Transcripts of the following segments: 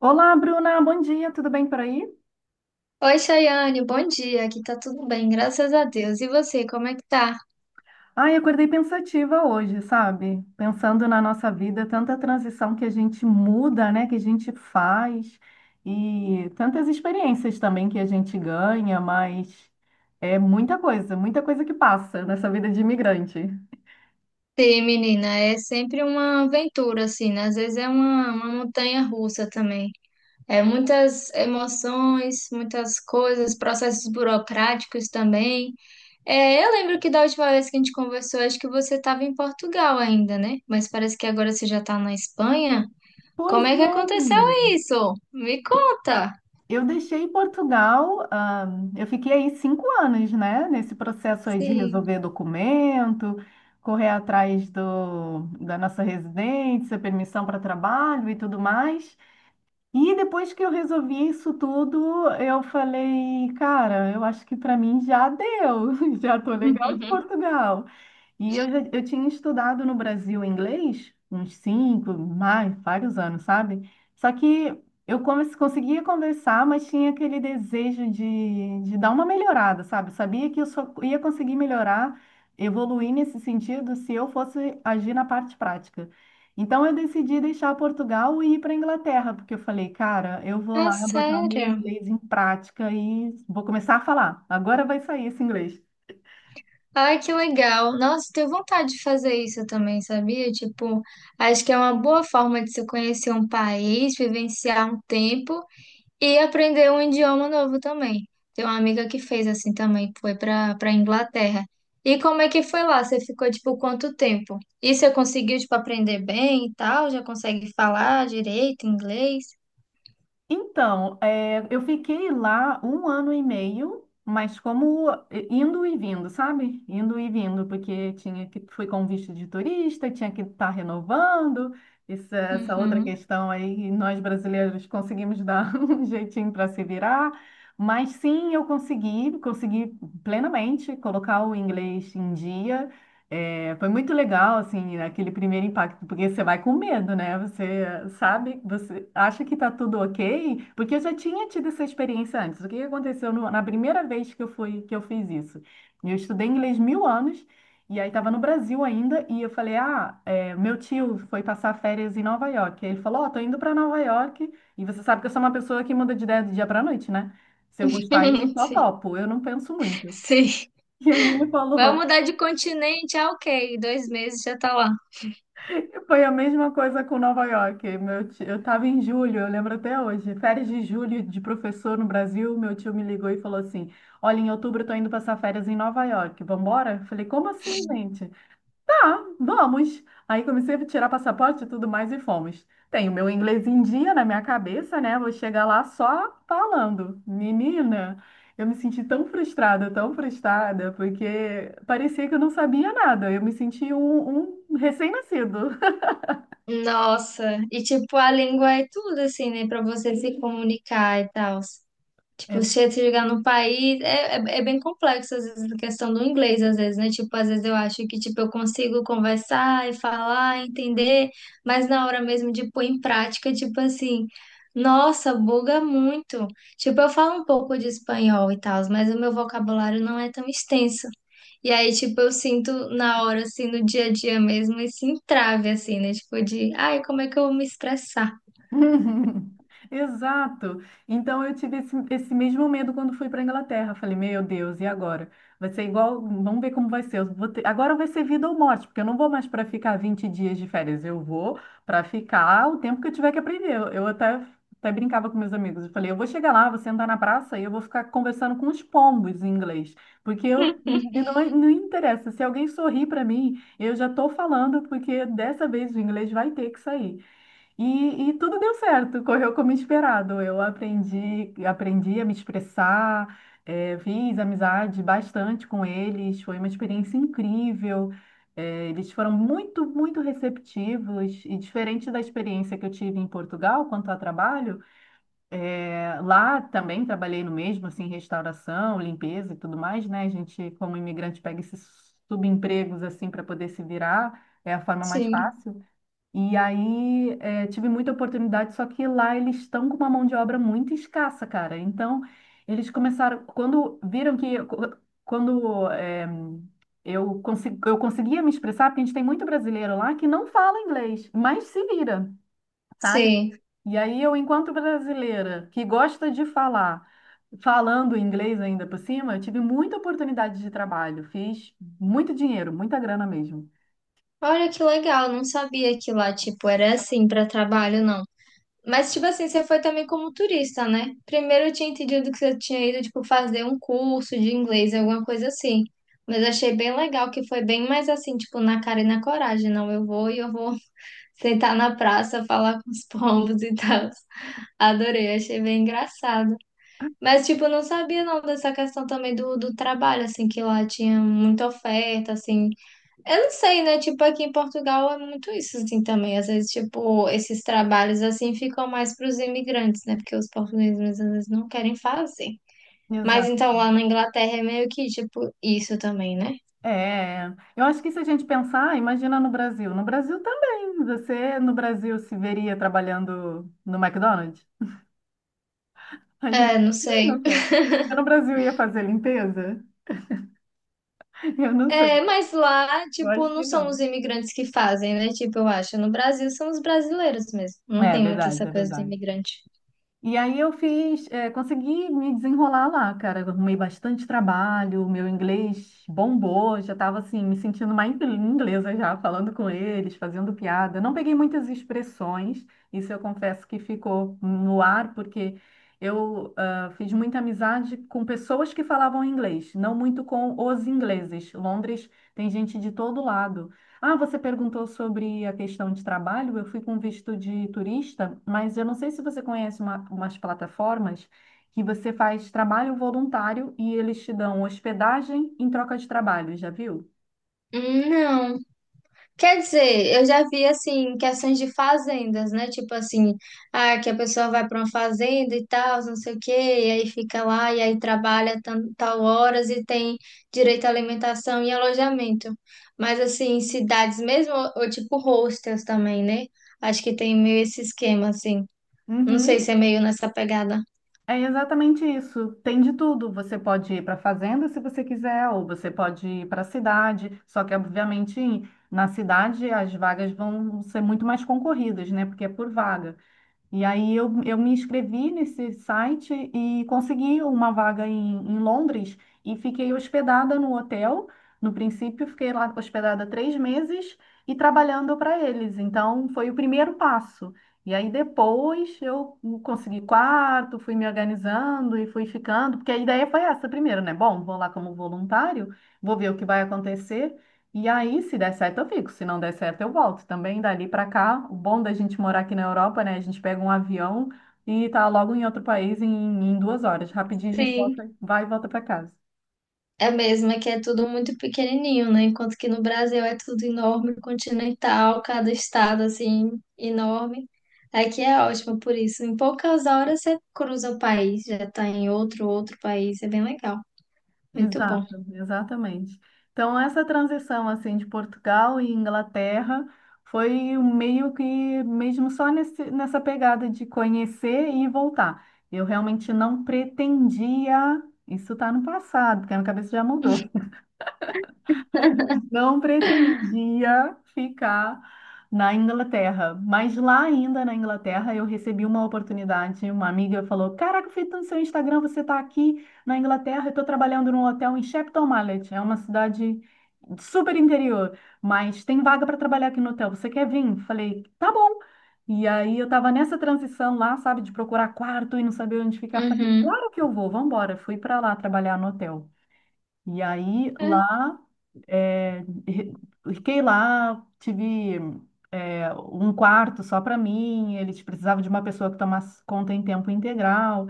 Olá, Bruna, bom dia, tudo bem por aí? Oi, Chayane, bom dia. Aqui tá tudo bem, graças a Deus. E você, como é que tá? Ai, acordei pensativa hoje, sabe? Pensando na nossa vida, tanta transição que a gente muda, né? Que a gente faz e tantas experiências também que a gente ganha, mas é muita coisa que passa nessa vida de imigrante. Sim, menina, é sempre uma aventura, assim, né? Às vezes é uma montanha russa também. É muitas emoções, muitas coisas, processos burocráticos também. É, eu lembro que da última vez que a gente conversou, acho que você estava em Portugal ainda, né? Mas parece que agora você já tá na Espanha. Pois Como é que é, aconteceu menina. isso? Me conta. Eu deixei Portugal, eu fiquei aí 5 anos, né? Nesse processo aí de Sim. resolver documento, correr atrás da nossa residência, permissão para trabalho e tudo mais. E depois que eu resolvi isso tudo, eu falei, cara, eu acho que para mim já deu, já tô legal de Portugal. E eu tinha estudado no Brasil inglês uns 5, mais, vários anos, sabe? Só que eu conseguia conversar, mas tinha aquele desejo de dar uma melhorada, sabe? Eu sabia que eu só ia conseguir melhorar, evoluir nesse sentido se eu fosse agir na parte prática. Então eu decidi deixar Portugal e ir para Inglaterra, porque eu falei, cara, eu vou Ah, lá botar o meu sério? inglês em prática e vou começar a falar. Agora vai sair esse inglês. Ai, que legal. Nossa, tenho vontade de fazer isso também, sabia? Tipo, acho que é uma boa forma de se conhecer um país, vivenciar um tempo e aprender um idioma novo também. Tem uma amiga que fez assim também, foi para Inglaterra. E como é que foi lá? Você ficou, tipo, quanto tempo? E você conseguiu, tipo, aprender bem e tal? Já consegue falar direito inglês? Então, eu fiquei lá um ano e meio, mas como indo e vindo, sabe? Indo e vindo, porque tinha que fui com visto de turista, tinha que estar renovando. Isso, essa outra Uhum. questão aí, nós brasileiros conseguimos dar um jeitinho para se virar. Mas sim, eu consegui, consegui plenamente colocar o inglês em dia. É, foi muito legal, assim, aquele primeiro impacto, porque você vai com medo, né? Você sabe, você acha que tá tudo ok, porque eu já tinha tido essa experiência antes. O que que aconteceu na primeira vez que eu fui, que eu fiz isso? Eu estudei inglês mil anos, e aí estava no Brasil ainda, e eu falei, ah, é, meu tio foi passar férias em Nova York. Aí ele falou, ó, tô indo para Nova York, e você sabe que eu sou uma pessoa que muda de ideia do dia para noite, né? Se eu gostar, eu só Sim. topo, eu não penso muito. Sim. E aí ele Vai falou. mudar de continente, ah, ok. Dois meses já tá lá. E foi a mesma coisa com Nova York. Meu tio, eu estava em julho, eu lembro até hoje, férias de julho de professor no Brasil. Meu tio me ligou e falou assim: Olha, em outubro eu tô indo passar férias em Nova York, vambora? Eu falei, como assim, gente? Tá, vamos. Aí comecei a tirar passaporte e tudo mais e fomos. Tenho meu inglês em dia na minha cabeça, né? Vou chegar lá só falando. Menina, eu me senti tão frustrada, porque parecia que eu não sabia nada. Eu me senti um recém-nascido. Nossa, e tipo, a língua é tudo, assim, né, pra você se comunicar e tal. É. Tipo, se você chegar no país, é bem complexo, às vezes, a questão do inglês, às vezes, né? Tipo, às vezes eu acho que, tipo, eu consigo conversar e falar, entender, mas na hora mesmo de pôr em prática, tipo assim, nossa, buga muito. Tipo, eu falo um pouco de espanhol e tal, mas o meu vocabulário não é tão extenso. E aí, tipo, eu sinto na hora, assim, no dia a dia mesmo, esse entrave, assim, né? Tipo, de, ai, como é que eu vou me expressar? Uhum. Exato. Então eu tive esse, esse mesmo medo quando fui para Inglaterra. Falei, meu Deus, e agora? Vai ser igual, vamos ver como vai ser. Eu vou ter- Agora vai ser vida ou morte, porque eu não vou mais para ficar 20 dias de férias. Eu vou para ficar o tempo que eu tiver que aprender. Eu até, até brincava com meus amigos. Eu falei, eu vou chegar lá, vou sentar na praça e eu vou ficar conversando com os pombos em inglês, porque eu não, não interessa. Se alguém sorrir para mim, eu já estou falando, porque dessa vez o inglês vai ter que sair. E tudo deu certo, correu como esperado. Eu aprendi, aprendi a me expressar, fiz amizade bastante com eles, foi uma experiência incrível. Eles foram muito, muito receptivos e diferente da experiência que eu tive em Portugal quanto a trabalho, lá também trabalhei no mesmo, assim, restauração, limpeza e tudo mais, né? A gente, como imigrante, pega esses subempregos assim para poder se virar, é a forma mais Sim, fácil. E aí, tive muita oportunidade, só que lá eles estão com uma mão de obra muito escassa, cara. Então, eles começaram, quando viram que, quando eu conseguia me expressar, porque a gente tem muito brasileiro lá que não fala inglês, mas se vira, sabe? sim. E aí, eu, enquanto brasileira, que gosta de falar, falando inglês ainda por cima, eu tive muita oportunidade de trabalho, fiz muito dinheiro, muita grana mesmo. Olha que legal, não sabia que lá, tipo, era assim para trabalho, não. Mas, tipo assim, você foi também como turista, né? Primeiro eu tinha entendido que você tinha ido, tipo, fazer um curso de inglês, alguma coisa assim. Mas achei bem legal que foi bem mais assim, tipo, na cara e na coragem. Não, eu vou e eu vou sentar na praça, falar com os pombos e tal. Adorei, achei bem engraçado. Mas, tipo, eu não sabia não dessa questão também do trabalho, assim, que lá tinha muita oferta, assim. Eu não sei, né? Tipo, aqui em Portugal é muito isso, assim, também. Às vezes, tipo, esses trabalhos, assim, ficam mais para os imigrantes, né? Porque os portugueses, às vezes, não querem fazer. Mas, então, lá na Inglaterra é meio que, tipo, isso também, né? É, eu acho que se a gente pensar, imagina no Brasil. No Brasil também. Você no Brasil se veria trabalhando no McDonald's? A gente É, não também sei. não quer. Eu no Brasil ia fazer limpeza? Eu não sei. É, mas lá, Eu acho tipo, que não são os não. imigrantes que fazem, né? Tipo, eu acho. No Brasil são os brasileiros mesmo. Não É tem muito verdade, essa é coisa do verdade. imigrante. E aí eu fiz, consegui me desenrolar lá, cara. Eu arrumei bastante trabalho, meu inglês bombou, já estava assim, me sentindo mais inglesa já, falando com eles, fazendo piada. Não peguei muitas expressões, isso eu confesso que ficou no ar, porque eu fiz muita amizade com pessoas que falavam inglês, não muito com os ingleses. Londres tem gente de todo lado. Ah, você perguntou sobre a questão de trabalho. Eu fui com visto de turista, mas eu não sei se você conhece umas plataformas que você faz trabalho voluntário e eles te dão hospedagem em troca de trabalho, já viu? Não. Quer dizer, eu já vi assim questões de fazendas, né? Tipo assim, ah, que a pessoa vai para uma fazenda e tal, não sei o quê, e aí fica lá e aí trabalha tal horas e tem direito à alimentação e alojamento. Mas assim, em cidades mesmo, ou tipo hostels também, né? Acho que tem meio esse esquema assim. Não sei se Uhum. é meio nessa pegada. É exatamente isso. Tem de tudo. Você pode ir para a fazenda se você quiser, ou você pode ir para a cidade. Só que, obviamente, na cidade as vagas vão ser muito mais concorridas, né? Porque é por vaga. E aí eu me inscrevi nesse site e consegui uma vaga em Londres e fiquei hospedada no hotel. No princípio, fiquei lá hospedada 3 meses e trabalhando para eles. Então, foi o primeiro passo. E aí depois eu consegui quarto, fui me organizando e fui ficando, porque a ideia foi essa primeiro, né? Bom, vou lá como voluntário, vou ver o que vai acontecer. E aí, se der certo, eu fico. Se não der certo, eu volto. Também dali para cá, o bom da gente morar aqui na Europa, né? A gente pega um avião e tá logo em outro país em 2 horas. Rapidinho a gente Sim. volta, vai e volta para casa. É mesmo, é que é tudo muito pequenininho, né? Enquanto que no Brasil é tudo enorme, continental, cada estado assim enorme. Aqui é ótimo por isso. Em poucas horas você cruza o país, já tá em outro país, é bem legal. Muito bom. Exato, exatamente. Então, essa transição assim de Portugal e Inglaterra foi um meio que mesmo só nessa pegada de conhecer e voltar. Eu realmente não pretendia. Isso está no passado, porque a minha cabeça já mudou. Não pretendia ficar na Inglaterra, mas lá ainda na Inglaterra eu recebi uma oportunidade. Uma amiga falou: Caraca, eu vi no seu Instagram, você está aqui na Inglaterra, eu estou trabalhando num hotel em Shepton Mallet, é uma cidade super interior, mas tem vaga para trabalhar aqui no hotel, você quer vir? Falei: Tá bom. E aí eu estava nessa transição lá, sabe, de procurar quarto e não saber onde ficar. Falei: Uhum. Claro que eu vou, vambora. Fui para lá trabalhar no hotel. E aí É, lá é, re- fiquei lá, tive um quarto só para mim, eles precisavam de uma pessoa que tomasse conta em tempo integral.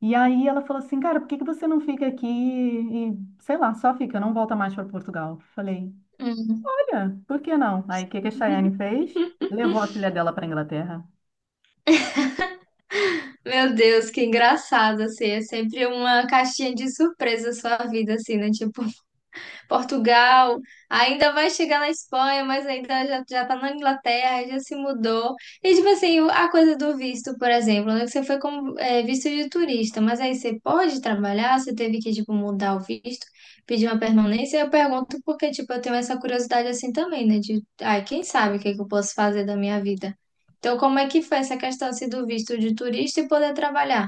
E aí ela falou assim, cara, por que que você não fica aqui e, sei lá, só fica, não volta mais para Portugal? Falei, uhum. olha, por que não? Aí o que que a Chayane fez? Levou a filha dela para Inglaterra. Meu Deus, que engraçado assim, é sempre uma caixinha de surpresa a sua vida assim, né? Tipo Portugal, ainda vai chegar na Espanha, mas ainda já tá na Inglaterra, já se mudou. E tipo assim, a coisa do visto, por exemplo, né, que você foi como é, visto de turista, mas aí você pode trabalhar, você teve que tipo mudar o visto, pedir uma permanência. Eu pergunto porque tipo eu tenho essa curiosidade assim também, né? De, ai, quem sabe o que que eu posso fazer da minha vida? Então, como é que foi essa questão assim, do visto de turista e poder trabalhar?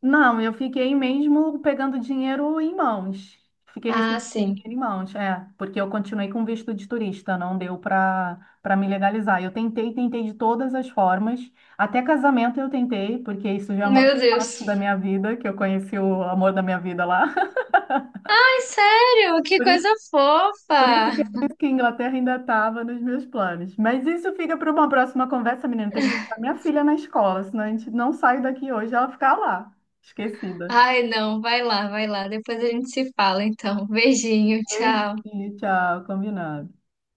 Não, eu fiquei mesmo pegando dinheiro em mãos. Fiquei Ah, recebendo sim. dinheiro em mãos, é, porque eu continuei com visto de turista, não deu para me legalizar. Eu tentei, tentei de todas as formas, até casamento eu tentei, porque isso já é uma Meu parte Deus. da minha vida, que eu conheci o amor da minha vida lá. Ai, sério? Que Por isso, coisa por isso que eu fofa! disse que a Inglaterra ainda estava nos meus planos. Mas isso fica para uma próxima conversa, menina. Tem que buscar minha filha na escola, senão a gente não sai daqui hoje, ela ficar lá, esquecida. Ai, não, vai lá, vai lá. Depois a gente se fala, então. Beijinho, tchau. Beijinho, tchau, combinado.